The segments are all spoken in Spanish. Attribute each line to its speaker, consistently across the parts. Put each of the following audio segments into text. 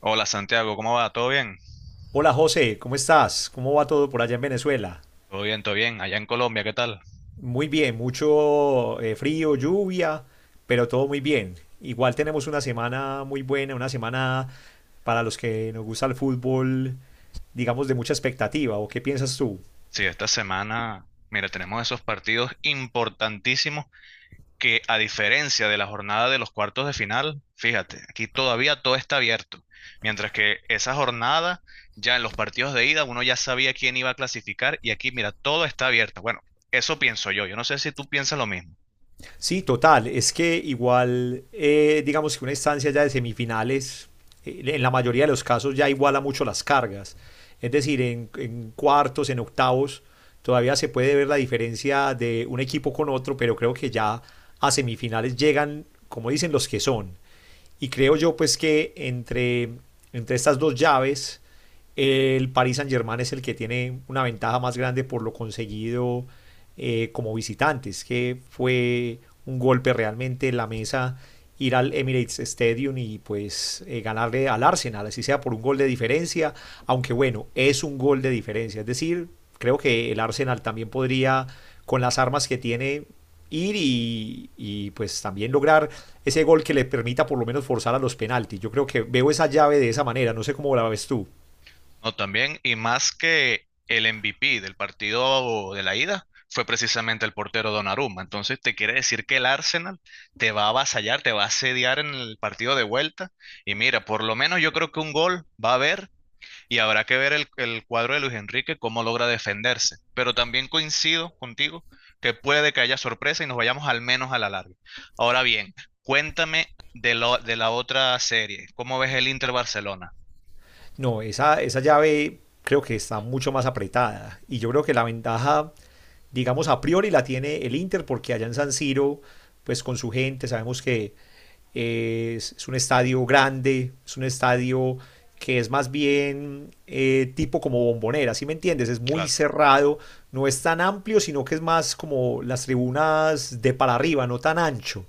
Speaker 1: Hola Santiago, ¿cómo va? ¿Todo bien?
Speaker 2: Hola José, ¿cómo estás? ¿Cómo va todo por allá en Venezuela?
Speaker 1: Todo bien, todo bien. Allá en Colombia, ¿qué tal?
Speaker 2: Muy bien, mucho frío, lluvia, pero todo muy bien. Igual tenemos una semana muy buena, una semana para los que nos gusta el fútbol, digamos, de mucha expectativa. ¿O qué piensas tú?
Speaker 1: Sí, esta semana, mira, tenemos esos partidos importantísimos que a diferencia de la jornada de los cuartos de final, fíjate, aquí todavía todo está abierto. Mientras que esa jornada, ya en los partidos de ida, uno ya sabía quién iba a clasificar y aquí, mira, todo está abierto. Bueno, eso pienso yo. Yo no sé si tú piensas lo mismo.
Speaker 2: Sí, total. Es que igual, digamos que una instancia ya de semifinales, en la mayoría de los casos ya iguala mucho las cargas. Es decir, en cuartos, en octavos, todavía se puede ver la diferencia de un equipo con otro, pero creo que ya a semifinales llegan, como dicen, los que son. Y creo yo pues que entre estas dos llaves el Paris Saint-Germain es el que tiene una ventaja más grande por lo conseguido como visitantes, que fue un golpe realmente en la mesa ir al Emirates Stadium y pues ganarle al Arsenal, así sea por un gol de diferencia, aunque bueno, es un gol de diferencia, es decir, creo que el Arsenal también podría con las armas que tiene ir y pues también lograr ese gol que le permita por lo menos forzar a los penaltis. Yo creo que veo esa llave de esa manera, no sé cómo la ves tú.
Speaker 1: No, también, y más que el MVP del partido de la ida fue precisamente el portero Donnarumma. Entonces, te quiere decir que el Arsenal te va a avasallar, te va a asediar en el partido de vuelta. Y mira, por lo menos yo creo que un gol va a haber y habrá que ver el cuadro de Luis Enrique cómo logra defenderse. Pero también coincido contigo que puede que haya sorpresa y nos vayamos al menos a la larga. Ahora bien, cuéntame de la otra serie. ¿Cómo ves el Inter Barcelona?
Speaker 2: No, esa llave creo que está mucho más apretada. Y yo creo que la ventaja digamos, a priori la tiene el Inter, porque allá en San Siro, pues con su gente, sabemos que es un estadio grande, es un estadio que es más bien tipo como bombonera, ¿sí me entiendes? Es muy
Speaker 1: Claro.
Speaker 2: cerrado, no es tan amplio, sino que es más como las tribunas de para arriba, no tan ancho.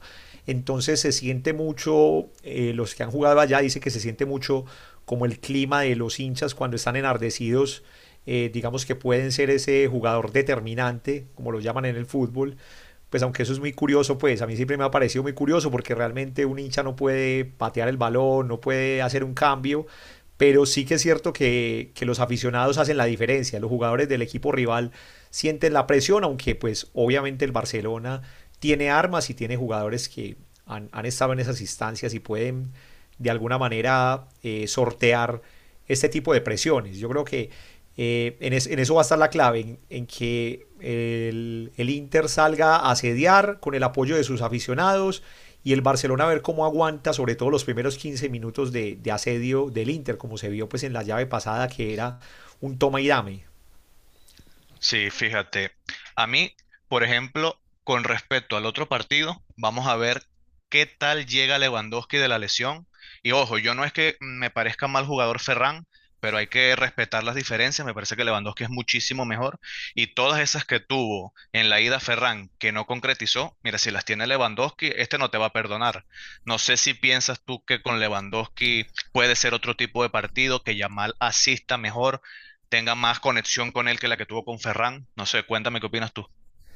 Speaker 2: Entonces se siente mucho, los que han jugado allá dicen que se siente mucho como el clima de los hinchas cuando están enardecidos digamos que pueden ser ese jugador determinante, como lo llaman en el fútbol. Pues aunque eso es muy curioso, pues a mí siempre me ha parecido muy curioso porque realmente un hincha no puede patear el balón, no puede hacer un cambio, pero sí que es cierto que los aficionados hacen la diferencia. Los jugadores del equipo rival sienten la presión, aunque pues obviamente el Barcelona tiene armas y tiene jugadores que han estado en esas instancias y pueden de alguna manera sortear este tipo de presiones. Yo creo que eso va a estar la clave, en que el Inter salga a asediar con el apoyo de sus aficionados y el Barcelona a ver cómo aguanta, sobre todo los primeros 15 minutos de asedio del Inter, como se vio pues en la llave pasada que era un toma y dame.
Speaker 1: Sí, fíjate. A mí, por ejemplo, con respecto al otro partido, vamos a ver qué tal llega Lewandowski de la lesión. Y ojo, yo no es que me parezca mal jugador Ferran, pero hay que respetar las diferencias. Me parece que Lewandowski es muchísimo mejor. Y todas esas que tuvo en la ida Ferran, que no concretizó, mira, si las tiene Lewandowski, este no te va a perdonar. No sé si piensas tú que con Lewandowski puede ser otro tipo de partido, que Yamal asista mejor tenga más conexión con él que la que tuvo con Ferran. No sé, cuéntame qué opinas tú.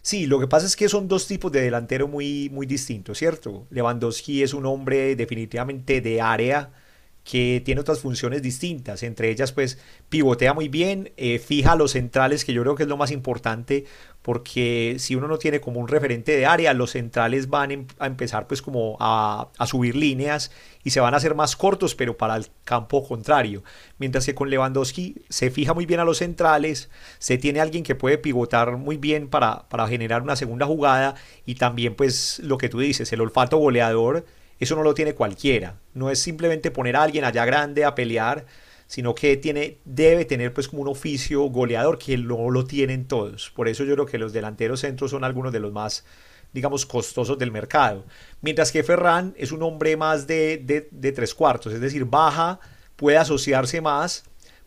Speaker 2: Sí, lo que pasa es que son dos tipos de delantero muy, muy distintos, ¿cierto? Lewandowski es un hombre definitivamente de área que tiene otras funciones distintas, entre ellas pues pivotea muy bien, fija los centrales, que yo creo que es lo más importante, porque si uno no tiene como un referente de área, los centrales van a empezar pues como a subir líneas y se van a hacer más cortos, pero para el campo contrario. Mientras que con Lewandowski se fija muy bien a los centrales, se tiene alguien que puede pivotar muy bien para generar una segunda jugada y también pues lo que tú dices, el olfato goleador, eso no lo tiene cualquiera. No es simplemente poner a alguien allá grande a pelear, sino que tiene, debe tener pues como un oficio goleador que no lo tienen todos. Por eso yo creo que los delanteros centros son algunos de los más, digamos, costosos del mercado. Mientras que Ferran es un hombre más de tres cuartos, es decir, baja, puede asociarse más,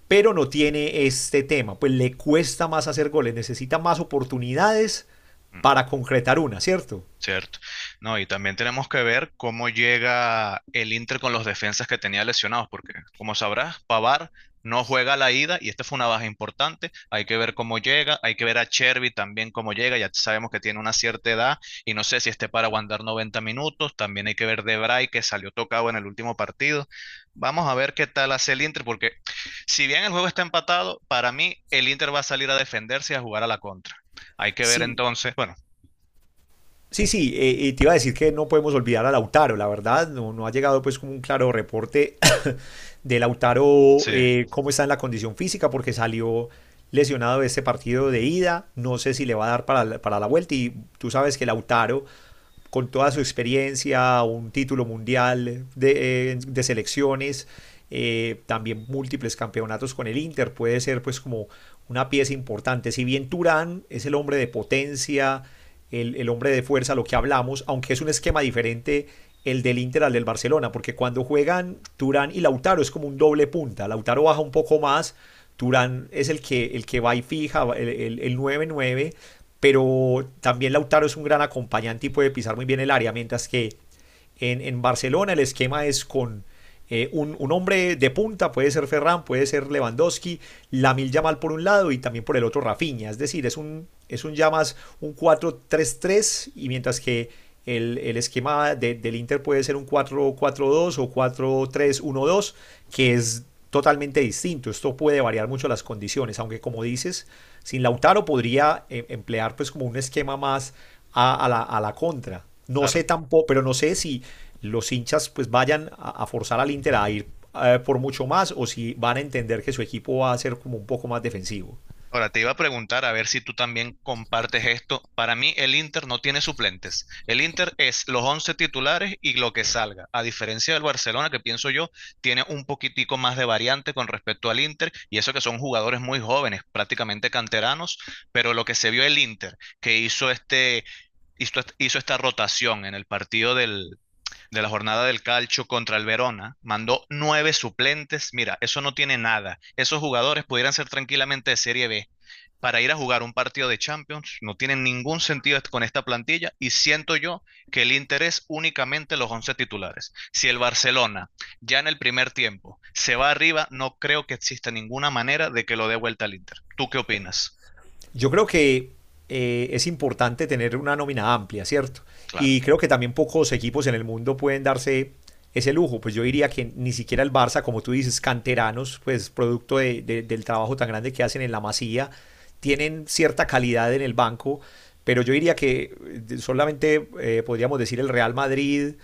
Speaker 2: pero no tiene este tema, pues le cuesta más hacer goles, necesita más oportunidades
Speaker 1: Mm.
Speaker 2: para concretar una, ¿cierto?
Speaker 1: Cierto. No, y también tenemos que ver cómo llega el Inter con los defensas que tenía lesionados, porque como sabrás, Pavar no juega a la ida y esta fue una baja importante. Hay que ver cómo llega, hay que ver a Chervi también cómo llega. Ya sabemos que tiene una cierta edad y no sé si esté para aguantar 90 minutos. También hay que ver Debray que salió tocado en el último partido. Vamos a ver qué tal hace el Inter, porque si bien el juego está empatado, para mí el Inter va a salir a defenderse y a jugar a la contra. Hay que ver
Speaker 2: Sí,
Speaker 1: entonces, bueno,
Speaker 2: Sí, sí, y te iba a decir que no podemos olvidar a Lautaro, la verdad, no, no ha llegado pues como un claro reporte de Lautaro,
Speaker 1: sí.
Speaker 2: cómo está en la condición física, porque salió lesionado de este partido de ida. No sé si le va a dar para la vuelta. Y tú sabes que Lautaro con toda su experiencia, un título mundial de selecciones, también múltiples campeonatos con el Inter, puede ser pues como una pieza importante. Si bien Turán es el hombre de potencia, el hombre de fuerza, lo que hablamos, aunque es un esquema diferente el del Inter al del Barcelona, porque cuando juegan Turán y Lautaro es como un doble punta, Lautaro baja un poco más, Turán es el que va y fija, el nueve 9 pero también Lautaro es un gran acompañante y puede pisar muy bien el área, mientras que en Barcelona el esquema es con un hombre de punta, puede ser Ferran, puede ser Lewandowski, Lamil Yamal por un lado y también por el otro Rafinha. Es decir, es un ya más un 4-3-3 y mientras que el esquema del Inter puede ser un 4-4-2 o 4-3-1-2, que es totalmente distinto. Esto puede variar mucho las condiciones, aunque como dices, sin Lautaro podría emplear pues como un esquema más a la contra no sé
Speaker 1: Claro.
Speaker 2: tampoco, pero no sé si los hinchas pues vayan a forzar al Inter a ir por mucho más o si van a entender que su equipo va a ser como un poco más defensivo.
Speaker 1: Ahora, te iba a preguntar a ver si tú también compartes esto. Para mí, el Inter no tiene suplentes. El Inter es los 11 titulares y lo que salga. A diferencia del Barcelona, que pienso yo, tiene un poquitico más de variante con respecto al Inter, y eso que son jugadores muy jóvenes, prácticamente canteranos, pero lo que se vio el Inter, que hizo esta rotación en el partido de la jornada del Calcio contra el Verona, mandó 9 suplentes. Mira, eso no tiene nada. Esos jugadores pudieran ser tranquilamente de Serie B para ir a jugar un partido de Champions. No tiene ningún sentido con esta plantilla y siento yo que el interés únicamente los 11 titulares. Si el Barcelona ya en el primer tiempo se va arriba, no creo que exista ninguna manera de que lo dé vuelta al Inter. ¿Tú qué opinas?
Speaker 2: Yo creo que es importante tener una nómina amplia, ¿cierto?
Speaker 1: Claro.
Speaker 2: Y creo que también pocos equipos en el mundo pueden darse ese lujo. Pues yo diría que ni siquiera el Barça, como tú dices, canteranos, pues producto del trabajo tan grande que hacen en la masía, tienen cierta calidad en el banco, pero yo diría que solamente podríamos decir el Real Madrid,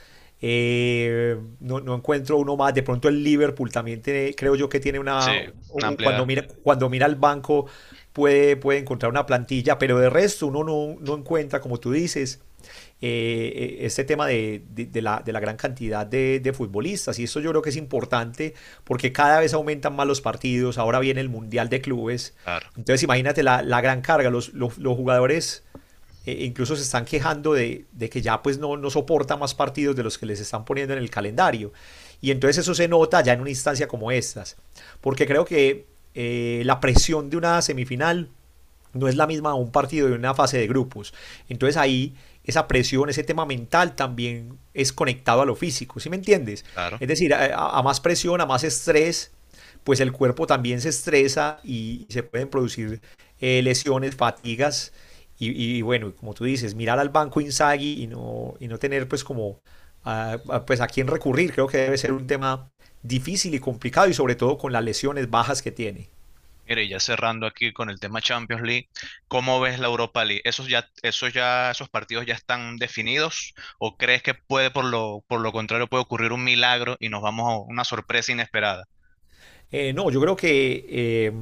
Speaker 2: no, no encuentro uno más. De pronto el Liverpool también tiene, creo yo que tiene una,
Speaker 1: Sí, una
Speaker 2: u- cuando
Speaker 1: amplia.
Speaker 2: mira, cuando mira el banco puede encontrar una plantilla, pero de resto uno no, no encuentra, como tú dices, este tema de la gran cantidad de futbolistas. Y eso yo creo que es importante porque cada vez aumentan más los partidos. Ahora viene el Mundial de Clubes.
Speaker 1: Claro,
Speaker 2: Entonces imagínate la gran carga. Los jugadores incluso se están quejando de que ya pues no, no soporta más partidos de los que les están poniendo en el calendario. Y entonces eso se nota ya en una instancia como estas. Porque creo que la presión de una semifinal no es la misma un partido de una fase de grupos. Entonces ahí esa presión, ese tema mental también es conectado a lo físico, ¿sí me entiendes?
Speaker 1: claro.
Speaker 2: Es decir, a más presión, a más estrés, pues el cuerpo también se estresa y se pueden producir lesiones, fatigas. Y bueno, como tú dices, mirar al banco Inzaghi y no tener pues como a, a quién recurrir, creo que debe ser un tema difícil y complicado y sobre todo con las lesiones bajas que tiene.
Speaker 1: Mire, y ya cerrando aquí con el tema Champions League, ¿cómo ves la Europa League? Esos partidos ya están definidos? ¿O crees que puede, por lo contrario, puede ocurrir un milagro y nos vamos a una sorpresa inesperada?
Speaker 2: No, yo creo que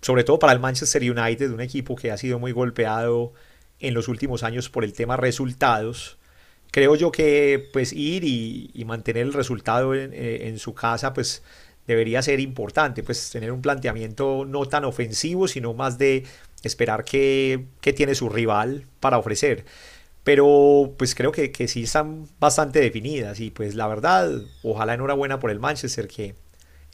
Speaker 2: sobre todo para el Manchester United, un equipo que ha sido muy golpeado en los últimos años por el tema resultados, creo yo que pues ir y mantener el resultado en su casa pues debería ser importante, pues tener un planteamiento no tan ofensivo, sino más de esperar qué, tiene su rival para ofrecer. Pero pues creo que sí están bastante definidas y pues la verdad, ojalá enhorabuena por el Manchester que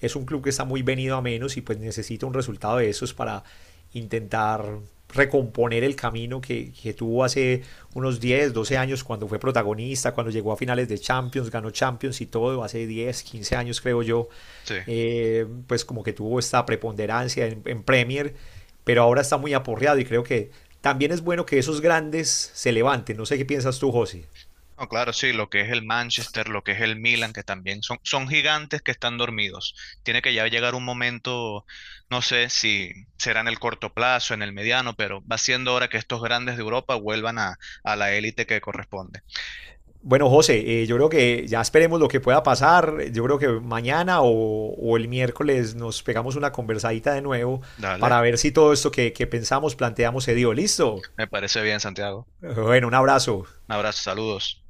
Speaker 2: es un club que está muy venido a menos y pues necesita un resultado de esos para intentar recomponer el camino que tuvo hace unos 10, 12 años cuando fue protagonista, cuando llegó a finales de Champions, ganó Champions y todo, hace 10, 15 años creo yo,
Speaker 1: Sí.
Speaker 2: pues como que tuvo esta preponderancia en Premier, pero ahora está muy aporreado y creo que también es bueno que esos grandes se levanten. No sé qué piensas tú, José.
Speaker 1: No, claro, sí, lo que es el Manchester, lo que es el Milan, que también son gigantes que están dormidos. Tiene que ya llegar un momento, no sé si será en el corto plazo, en el mediano, pero va siendo hora que estos grandes de Europa vuelvan a la élite que corresponde.
Speaker 2: Bueno, José, yo creo que ya esperemos lo que pueda pasar. Yo creo que mañana o el miércoles nos pegamos una conversadita de nuevo
Speaker 1: Dale,
Speaker 2: para ver si todo esto que pensamos, planteamos, se dio. ¿Listo?
Speaker 1: me parece bien, Santiago.
Speaker 2: Bueno, un abrazo.
Speaker 1: Un abrazo, saludos.